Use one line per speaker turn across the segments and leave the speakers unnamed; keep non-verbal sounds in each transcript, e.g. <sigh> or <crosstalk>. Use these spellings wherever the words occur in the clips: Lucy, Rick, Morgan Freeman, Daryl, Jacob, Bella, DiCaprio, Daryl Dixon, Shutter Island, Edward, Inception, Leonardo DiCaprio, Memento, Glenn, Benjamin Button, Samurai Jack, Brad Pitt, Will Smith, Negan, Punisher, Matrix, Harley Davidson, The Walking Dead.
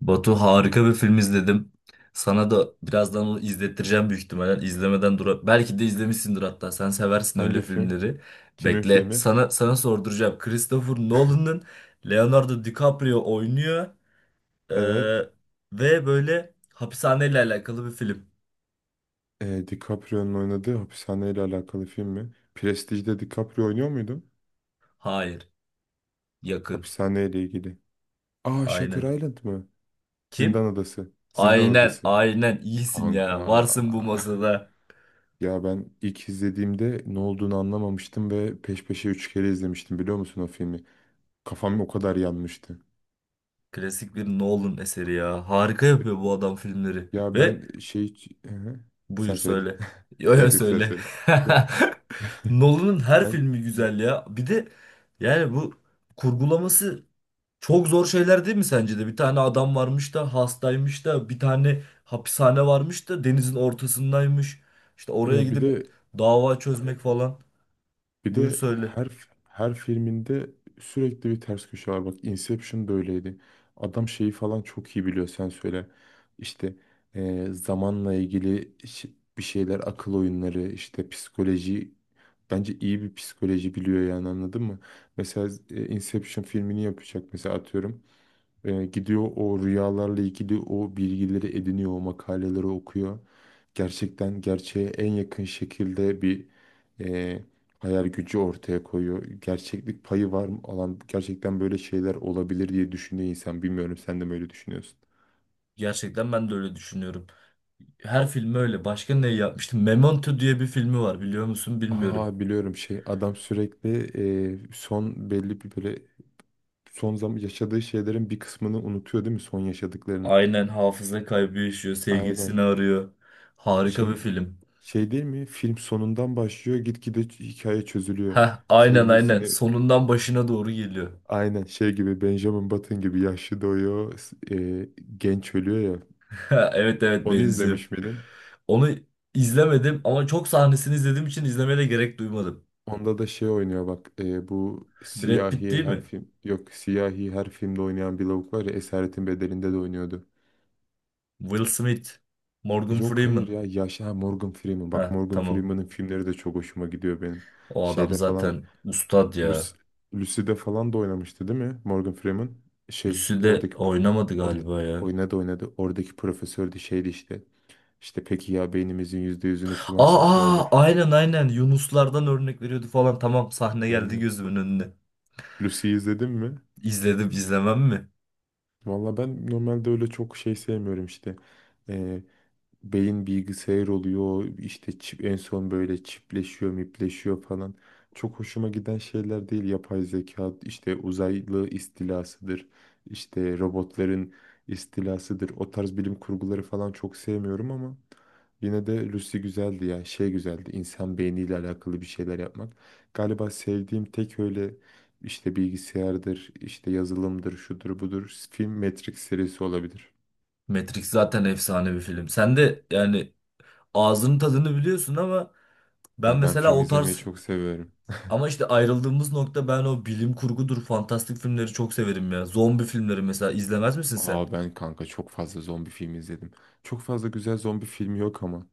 Batu harika bir film izledim. Sana da birazdan onu izlettireceğim büyük ihtimalle. İzlemeden dur. Belki de izlemişsindir hatta. Sen seversin öyle
Hangi film?
filmleri.
Kimin
Bekle.
filmi?
Sana sorduracağım. Christopher Nolan'ın Leonardo DiCaprio oynuyor. Ee,
Evet.
ve böyle hapishaneyle alakalı bir film.
E, DiCaprio'nun oynadığı hapishaneyle alakalı film mi? Prestige'de DiCaprio oynuyor muydu?
Hayır. Yakın.
Hapishaneyle ilgili. Aa, Shutter
Aynen.
Island mı? Zindan
Kim?
Adası. Zindan
Aynen.
Adası.
Aynen. İyisin ya.
Kanka.
Varsın bu
<laughs>
masada.
Ya ben ilk izlediğimde ne olduğunu anlamamıştım ve peş peşe üç kere izlemiştim, biliyor musun o filmi? Kafam o kadar yanmıştı.
Klasik bir Nolan eseri ya. Harika yapıyor bu adam filmleri.
Ya
Ve
ben şey... Hı hı.
buyur
Sen söyle.
söyle. Yo
<laughs>
yo
Yok yok sen
söyle.
söyle. Sen-
<laughs> Nolan'ın
<laughs>
her
Ben
filmi güzel ya. Bir de yani bu kurgulaması çok zor şeyler değil mi sence de? Bir tane adam varmış da hastaymış da bir tane hapishane varmış da denizin ortasındaymış. İşte oraya
ya bir
gidip
de
dava çözmek falan.
Bir
Buyur
de
söyle.
her her filminde sürekli bir ters köşe var. Bak, Inception da öyleydi. Adam şeyi falan çok iyi biliyor, sen söyle. İşte zamanla ilgili bir şeyler, akıl oyunları, işte psikoloji, bence iyi bir psikoloji biliyor yani, anladın mı? Mesela Inception filmini yapacak mesela, atıyorum. Gidiyor, o rüyalarla ilgili o bilgileri ediniyor, o makaleleri okuyor. Gerçekten gerçeğe en yakın şekilde bir e, hayal gücü ortaya koyuyor. Gerçeklik payı var mı, alan gerçekten böyle şeyler olabilir diye düşünüyor insan. Bilmiyorum, sen de mi öyle düşünüyorsun?
Gerçekten ben de öyle düşünüyorum. Her filmi öyle. Başka ne yapmıştım? Memento diye bir filmi var biliyor musun? Bilmiyorum.
Aa, biliyorum, şey, adam sürekli son belli bir böyle son zaman yaşadığı şeylerin bir kısmını unutuyor değil mi, son yaşadıklarının?
Aynen hafıza kaybı yaşıyor. Sevgilisini
Aynen.
arıyor. Harika bir
Şey,
film.
Değil mi? Film sonundan başlıyor, gitgide hikaye çözülüyor.
Heh, aynen aynen.
Sevgilisini
Sonundan başına doğru geliyor.
aynen şey gibi, Benjamin Button gibi yaşlı doğuyor, genç ölüyor ya.
<laughs> Evet evet
Onu
benziyor.
izlemiş miydin?
Onu izlemedim ama çok sahnesini izlediğim için izlemeye de gerek duymadım.
Onda da şey oynuyor bak, bu
Brad Pitt
siyahi,
değil
her
mi?
film, yok, siyahi her filmde oynayan bir lavuk var ya, Esaretin Bedeli'nde de oynuyordu.
Will Smith. Morgan
Yok, hayır
Freeman.
ya, yaşlı, ha, Morgan Freeman, bak
Heh,
Morgan
tamam.
Freeman'ın filmleri de çok hoşuma gidiyor benim.
O adam
Şeyde falan,
zaten ustad
Lucy,
ya.
Lucy'de falan da oynamıştı değil mi Morgan Freeman? Şey,
Lucy'de
oradaki
oynamadı
orada
galiba ya.
oynadı oynadı. Oradaki profesör de şeydi işte. İşte, peki ya beynimizin %100'ünü
Aa,
kullansak ne
aa,
olur?
aynen aynen. Yunuslardan örnek veriyordu falan. Tamam sahne geldi
Aynen.
gözümün önüne.
Lucy'yi izledin mi?
İzledim izlemem mi?
Valla ben normalde öyle çok şey sevmiyorum işte. Beyin bilgisayar oluyor işte, çip, en son böyle çipleşiyor mipleşiyor falan. Çok hoşuma giden şeyler değil, yapay zeka, işte uzaylı istilasıdır, işte robotların istilasıdır, o tarz bilim kurguları falan çok sevmiyorum ama yine de Lucy güzeldi ya, şey güzeldi, insan beyniyle alakalı bir şeyler yapmak. Galiba sevdiğim tek öyle işte bilgisayardır, işte yazılımdır, şudur budur film, Matrix serisi olabilir.
Matrix zaten efsane bir film. Sen de yani ağzının tadını biliyorsun ama ben
Ya ben
mesela
film
o
izlemeyi
tarz
çok seviyorum.
ama işte ayrıldığımız nokta ben o bilim kurgudur, fantastik filmleri çok severim ya. Zombi filmleri mesela izlemez misin sen?
Aa, ben kanka çok fazla zombi filmi izledim. Çok fazla güzel zombi filmi yok ama.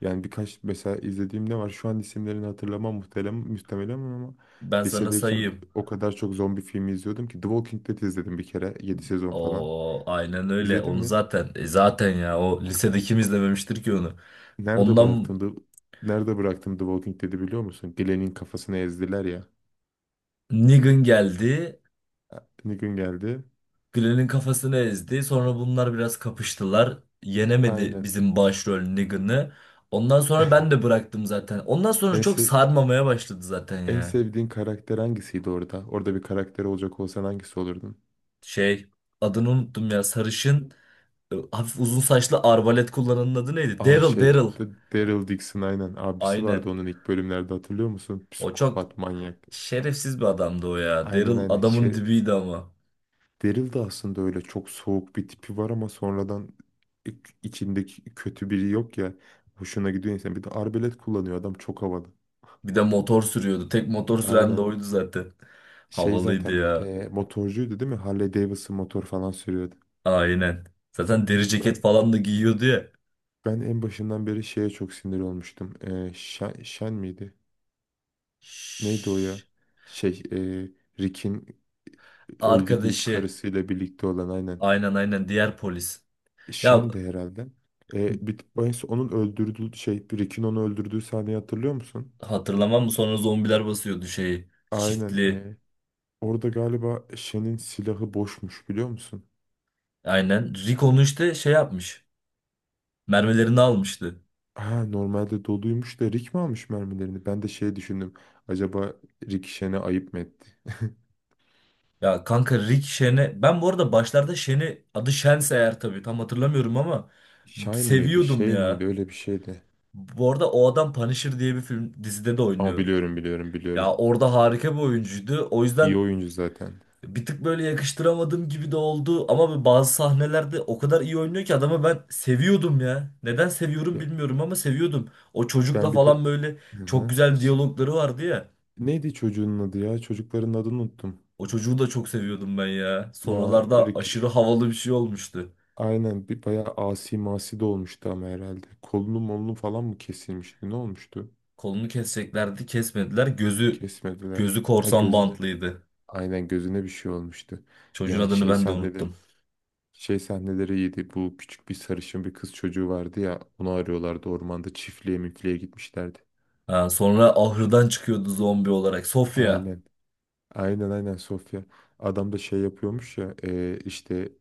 Yani birkaç, mesela izlediğim ne var? Şu an isimlerini hatırlamam muhtemelen, ama
Ben sana
lisedeyken
sayayım.
o kadar çok zombi filmi izliyordum ki The Walking Dead izledim bir kere, 7 sezon falan.
O aynen öyle.
İzledin
Onu
mi?
zaten zaten ya o lisede kim izlememiştir ki onu.
Nerede
Ondan
bıraktım The, Nerede bıraktım The Walking Dead'i biliyor musun? Glenn'in kafasını ezdiler ya.
Negan geldi.
Ne gün geldi?
Glenn'in kafasını ezdi. Sonra bunlar biraz kapıştılar. Yenemedi
Aynen.
bizim başrol Negan'ı. Ondan sonra ben de bıraktım zaten. Ondan sonra
En,
çok
sev-
sarmamaya başladı zaten
en
ya.
sevdiğin karakter hangisiydi orada? Orada bir karakter olacak olsan hangisi olurdun?
Şey adını unuttum ya sarışın hafif uzun saçlı arbalet kullananın adı neydi?
Aa,
Daryl
şey,
Daryl.
Daryl Dixon, aynen, abisi vardı
Aynen.
onun ilk bölümlerde, hatırlıyor musun?
O çok
Psikopat manyak.
şerefsiz bir adamdı o ya.
Aynen
Daryl
aynen.
adamın
Şey,
dibiydi ama.
Daryl de aslında öyle çok soğuk bir tipi var ama sonradan i- içindeki kötü biri yok ya. Hoşuna gidiyor insan. Bir de arbelet kullanıyor adam, çok havalı.
Bir de motor sürüyordu. Tek motor süren de
Aynen.
oydu zaten.
Şey,
Havalıydı
zaten
ya.
motorcuydu değil mi? Harley Davidson motor falan sürüyordu.
Aynen. Zaten deri ceket
Ben
falan da giyiyordu ya.
ben en başından beri şeye çok sinir olmuştum. Shen, Shen miydi? Neydi o
Şşş.
ya? Şey, Rick'in öldü deyip
Arkadaşı.
karısıyla birlikte olan, aynen.
Aynen aynen diğer polis. Ya
Shen de herhalde. En son onun öldürdüğü şey, Rick'in onu öldürdüğü sahneyi hatırlıyor musun?
hatırlamam mı sonra zombiler basıyordu şeyi.
Aynen.
Çiftli.
Orada galiba Shen'in silahı boşmuş, biliyor musun?
Aynen. Rick onu işte şey yapmış. Mermilerini almıştı.
Ha, normalde doluymuş da Rick mi almış mermilerini? Ben de şey düşündüm. Acaba Rick Shen'e ayıp mı etti?
Ya kanka Rick Shen'e ben bu arada başlarda Shen'i adı Shen'se eğer tabii tam hatırlamıyorum ama
<laughs> Shine miydi,
seviyordum
Shane miydi?
ya.
Öyle bir şeydi.
Bu arada o adam Punisher diye bir film dizide de
Ama
oynuyor.
biliyorum, biliyorum,
Ya
biliyorum.
orada harika bir oyuncuydu. O
İyi
yüzden
oyuncu zaten.
bir tık böyle yakıştıramadığım gibi de oldu ama bazı sahnelerde o kadar iyi oynuyor ki adamı ben seviyordum ya. Neden seviyorum
Ya,
bilmiyorum ama seviyordum. O çocukla
ben bir de...
falan böyle
Hı
çok
hı.
güzel diyalogları vardı ya.
Neydi çocuğun adı ya? Çocukların adını unuttum.
O çocuğu da çok seviyordum ben ya.
Ya
Sonralarda
Rick,
aşırı havalı bir şey olmuştu.
aynen, bir bayağı asi masi de olmuştu ama herhalde. Kolunu molunu falan mı kesilmişti, ne olmuştu?
Kolunu keseceklerdi, kesmediler. Gözü
Kesmediler.
gözü
Ha,
korsan
gözüne,
bantlıydı.
aynen, gözüne bir şey olmuştu.
Çocuğun
Ya,
adını
şey
ben de
sahneleri,
unuttum.
iyiydi. Bu, küçük bir sarışın bir kız çocuğu vardı ya, onu arıyorlardı ormanda, çiftliğe müfliğe gitmişlerdi.
Ha, sonra ahırdan çıkıyordu zombi olarak. Sofya
Aynen. Aynen aynen, Sofya. Adam da şey yapıyormuş ya, işte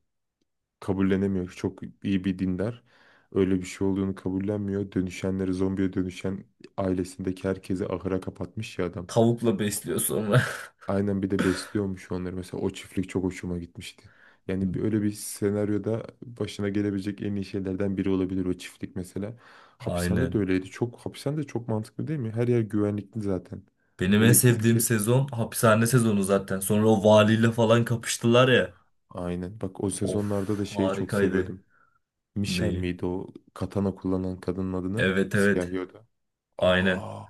kabullenemiyor. Çok iyi bir dindar. Öyle bir şey olduğunu kabullenmiyor. Dönüşenleri, zombiye dönüşen ailesindeki herkesi ahıra kapatmış ya adam.
tavukla besliyor sonra.
Aynen, bir de besliyormuş onları. Mesela o çiftlik çok hoşuma gitmişti. Yani öyle bir senaryoda başına gelebilecek en iyi şeylerden biri olabilir o çiftlik mesela.
<laughs>
Hapishane de
Aynen.
öyleydi. Çok, hapishane de çok mantıklı değil mi? Her yer güvenlikli zaten.
Benim en
Ele bir
sevdiğim
ke-
sezon hapishane sezonu zaten. Sonra o valiyle falan kapıştılar ya.
Aynen. Bak, o sezonlarda
Of
da şeyi çok
harikaydı.
seviyordum. Michelle
Neyi?
miydi o katana kullanan kadının adını?
Evet evet.
Siyahi, o da.
Aynen.
Aa,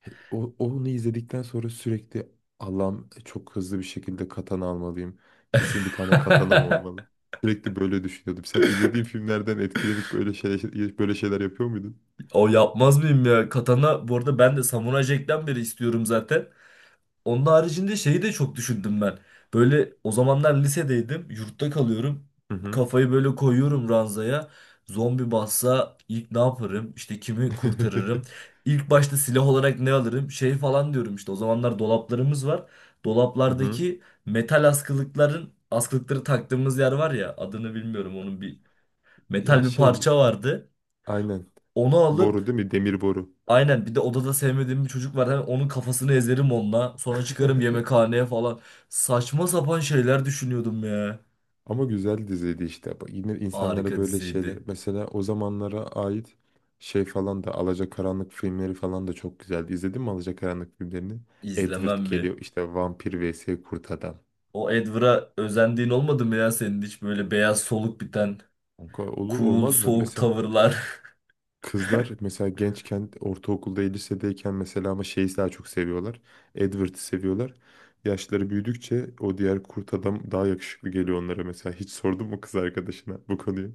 onu izledikten sonra sürekli, Allah'ım çok hızlı bir şekilde katana almalıyım. Kesin bir tane katanam olmalı.
<laughs>
Sürekli böyle düşünüyordum. Sen izlediğin filmlerden etkilenip böyle şeyler, yapıyor muydun?
O yapmaz mıyım ya? Katana bu arada ben de Samuray Jack'ten beri istiyorum zaten. Onun haricinde şeyi de çok düşündüm ben. Böyle o zamanlar lisedeydim. Yurtta kalıyorum.
Hı hı.
Kafayı böyle koyuyorum ranzaya. Zombi bassa ilk ne yaparım? İşte kimi kurtarırım?
<laughs>
İlk başta silah olarak ne alırım? Şey falan diyorum işte. O zamanlar dolaplarımız var.
Hı hı.
Dolaplardaki metal askılıkların askılıkları taktığımız yer var ya adını bilmiyorum onun bir
Ya,
metal bir
şey,
parça vardı.
aynen.
Onu
Boru değil
alıp
mi? Demir boru.
aynen bir de odada sevmediğim bir çocuk var. Hemen onun kafasını ezerim onunla. Sonra çıkarım yemekhaneye falan. Saçma sapan şeyler düşünüyordum ya.
Ama güzel diziydi işte. Bu, yine insanlara
Harika
böyle şeyler.
diziydi.
Mesela o zamanlara ait şey falan da, Alacakaranlık filmleri falan da çok güzeldi. İzledin mi Alacakaranlık filmlerini? Edward
İzlemem mi?
geliyor işte, vampir vs kurt adam.
O Edward'a özendiğin olmadı mı ya senin hiç böyle beyaz soluk biten
Kanka, olur
cool
olmaz mı?
soğuk
Mesela
tavırlar. <laughs>
kızlar, mesela gençken, ortaokulda, lisedeyken mesela, ama şeyi daha çok seviyorlar. Edward'ı seviyorlar. Yaşları büyüdükçe o diğer kurt adam daha yakışıklı geliyor onlara mesela. Hiç sordun mu kız arkadaşına bu konuyu?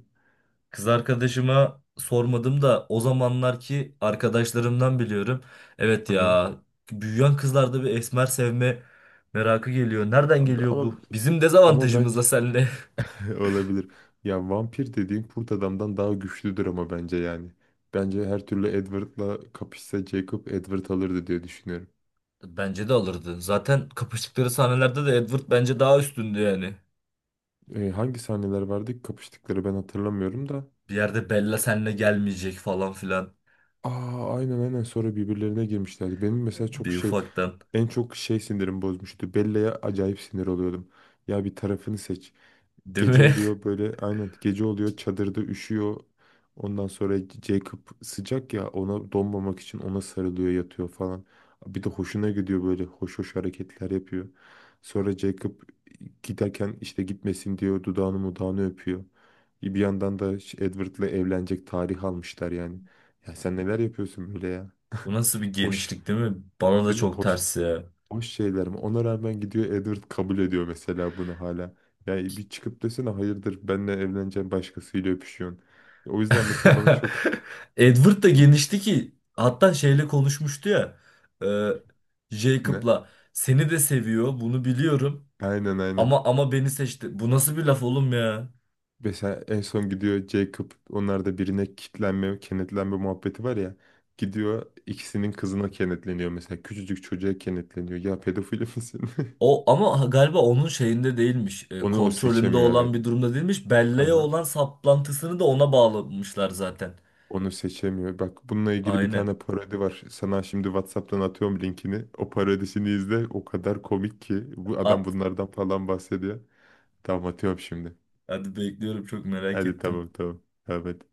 Kız arkadaşıma sormadım da o zamanlarki arkadaşlarımdan biliyorum. Evet
Hı hı.
ya büyüyen kızlarda bir esmer sevme merakı geliyor. Nereden
Abi,
geliyor
Ama
bu? Bizim
ama
dezavantajımız
bence
da seninle.
<laughs> olabilir. Ya vampir dediğin kurt adamdan daha güçlüdür ama, bence yani. Bence her türlü Edward'la kapışsa Jacob, Edward alırdı diye düşünüyorum.
Bence de alırdı. Zaten kapıştıkları sahnelerde de Edward bence daha üstündü yani.
Hangi sahneler vardı ki kapıştıkları, ben hatırlamıyorum da.
Bir yerde Bella seninle gelmeyecek falan filan.
Aa, aynen aynen, sonra birbirlerine girmişlerdi. Benim mesela çok
Bir
şey,
ufaktan.
sinirim bozmuştu. Bella'ya acayip sinir oluyordum. Ya, bir tarafını seç.
Değil
Gece
mi?
oluyor böyle, aynen gece oluyor, çadırda üşüyor. Ondan sonra Jacob sıcak ya, ona donmamak için ona sarılıyor, yatıyor falan. Bir de hoşuna gidiyor, böyle hoş hoş hareketler yapıyor. Sonra Jacob giderken işte gitmesin diyor, dudağını mudağını öpüyor. Bir yandan da Edward'la evlenecek, tarih almışlar yani. Ya sen neler yapıyorsun böyle ya?
<laughs> Bu nasıl bir
Hoş
genişlik değil mi? Bana da
değil mi?
çok ters ya.
Boş şeyler mi? Ona rağmen gidiyor Edward, kabul ediyor mesela bunu hala. Yani bir çıkıp desene, hayırdır, benle evleneceğim, başkasıyla öpüşüyorsun. O yüzden mesela bana çok
<laughs> Edward da
<laughs> çok
genişti ki hatta şeyle konuşmuştu ya. E,
ne?
Jacob'la seni de seviyor bunu biliyorum
Aynen aynen.
ama ama beni seçti. Bu nasıl bir laf oğlum ya?
Mesela en son gidiyor Jacob, onlarda birine kitlenme, kenetlenme muhabbeti var ya. Gidiyor ikisinin kızına kenetleniyor mesela. Küçücük çocuğa kenetleniyor. Ya pedofil misin? <laughs>
O ama galiba onun şeyinde değilmiş.
Onu o
Kontrolünde
seçemiyor,
olan
evet.
bir durumda değilmiş. Belleğe
Aha.
olan saplantısını da ona bağlamışlar zaten.
Onu seçemiyor. Bak, bununla ilgili bir
Aynen.
tane parodi var. Sana şimdi WhatsApp'tan atıyorum linkini. O parodisini izle. O kadar komik ki. Bu adam
At.
bunlardan falan bahsediyor. Tamam, atıyorum şimdi.
Hadi bekliyorum çok merak
Hadi,
ettim.
tamam tamam. Tamam hadi.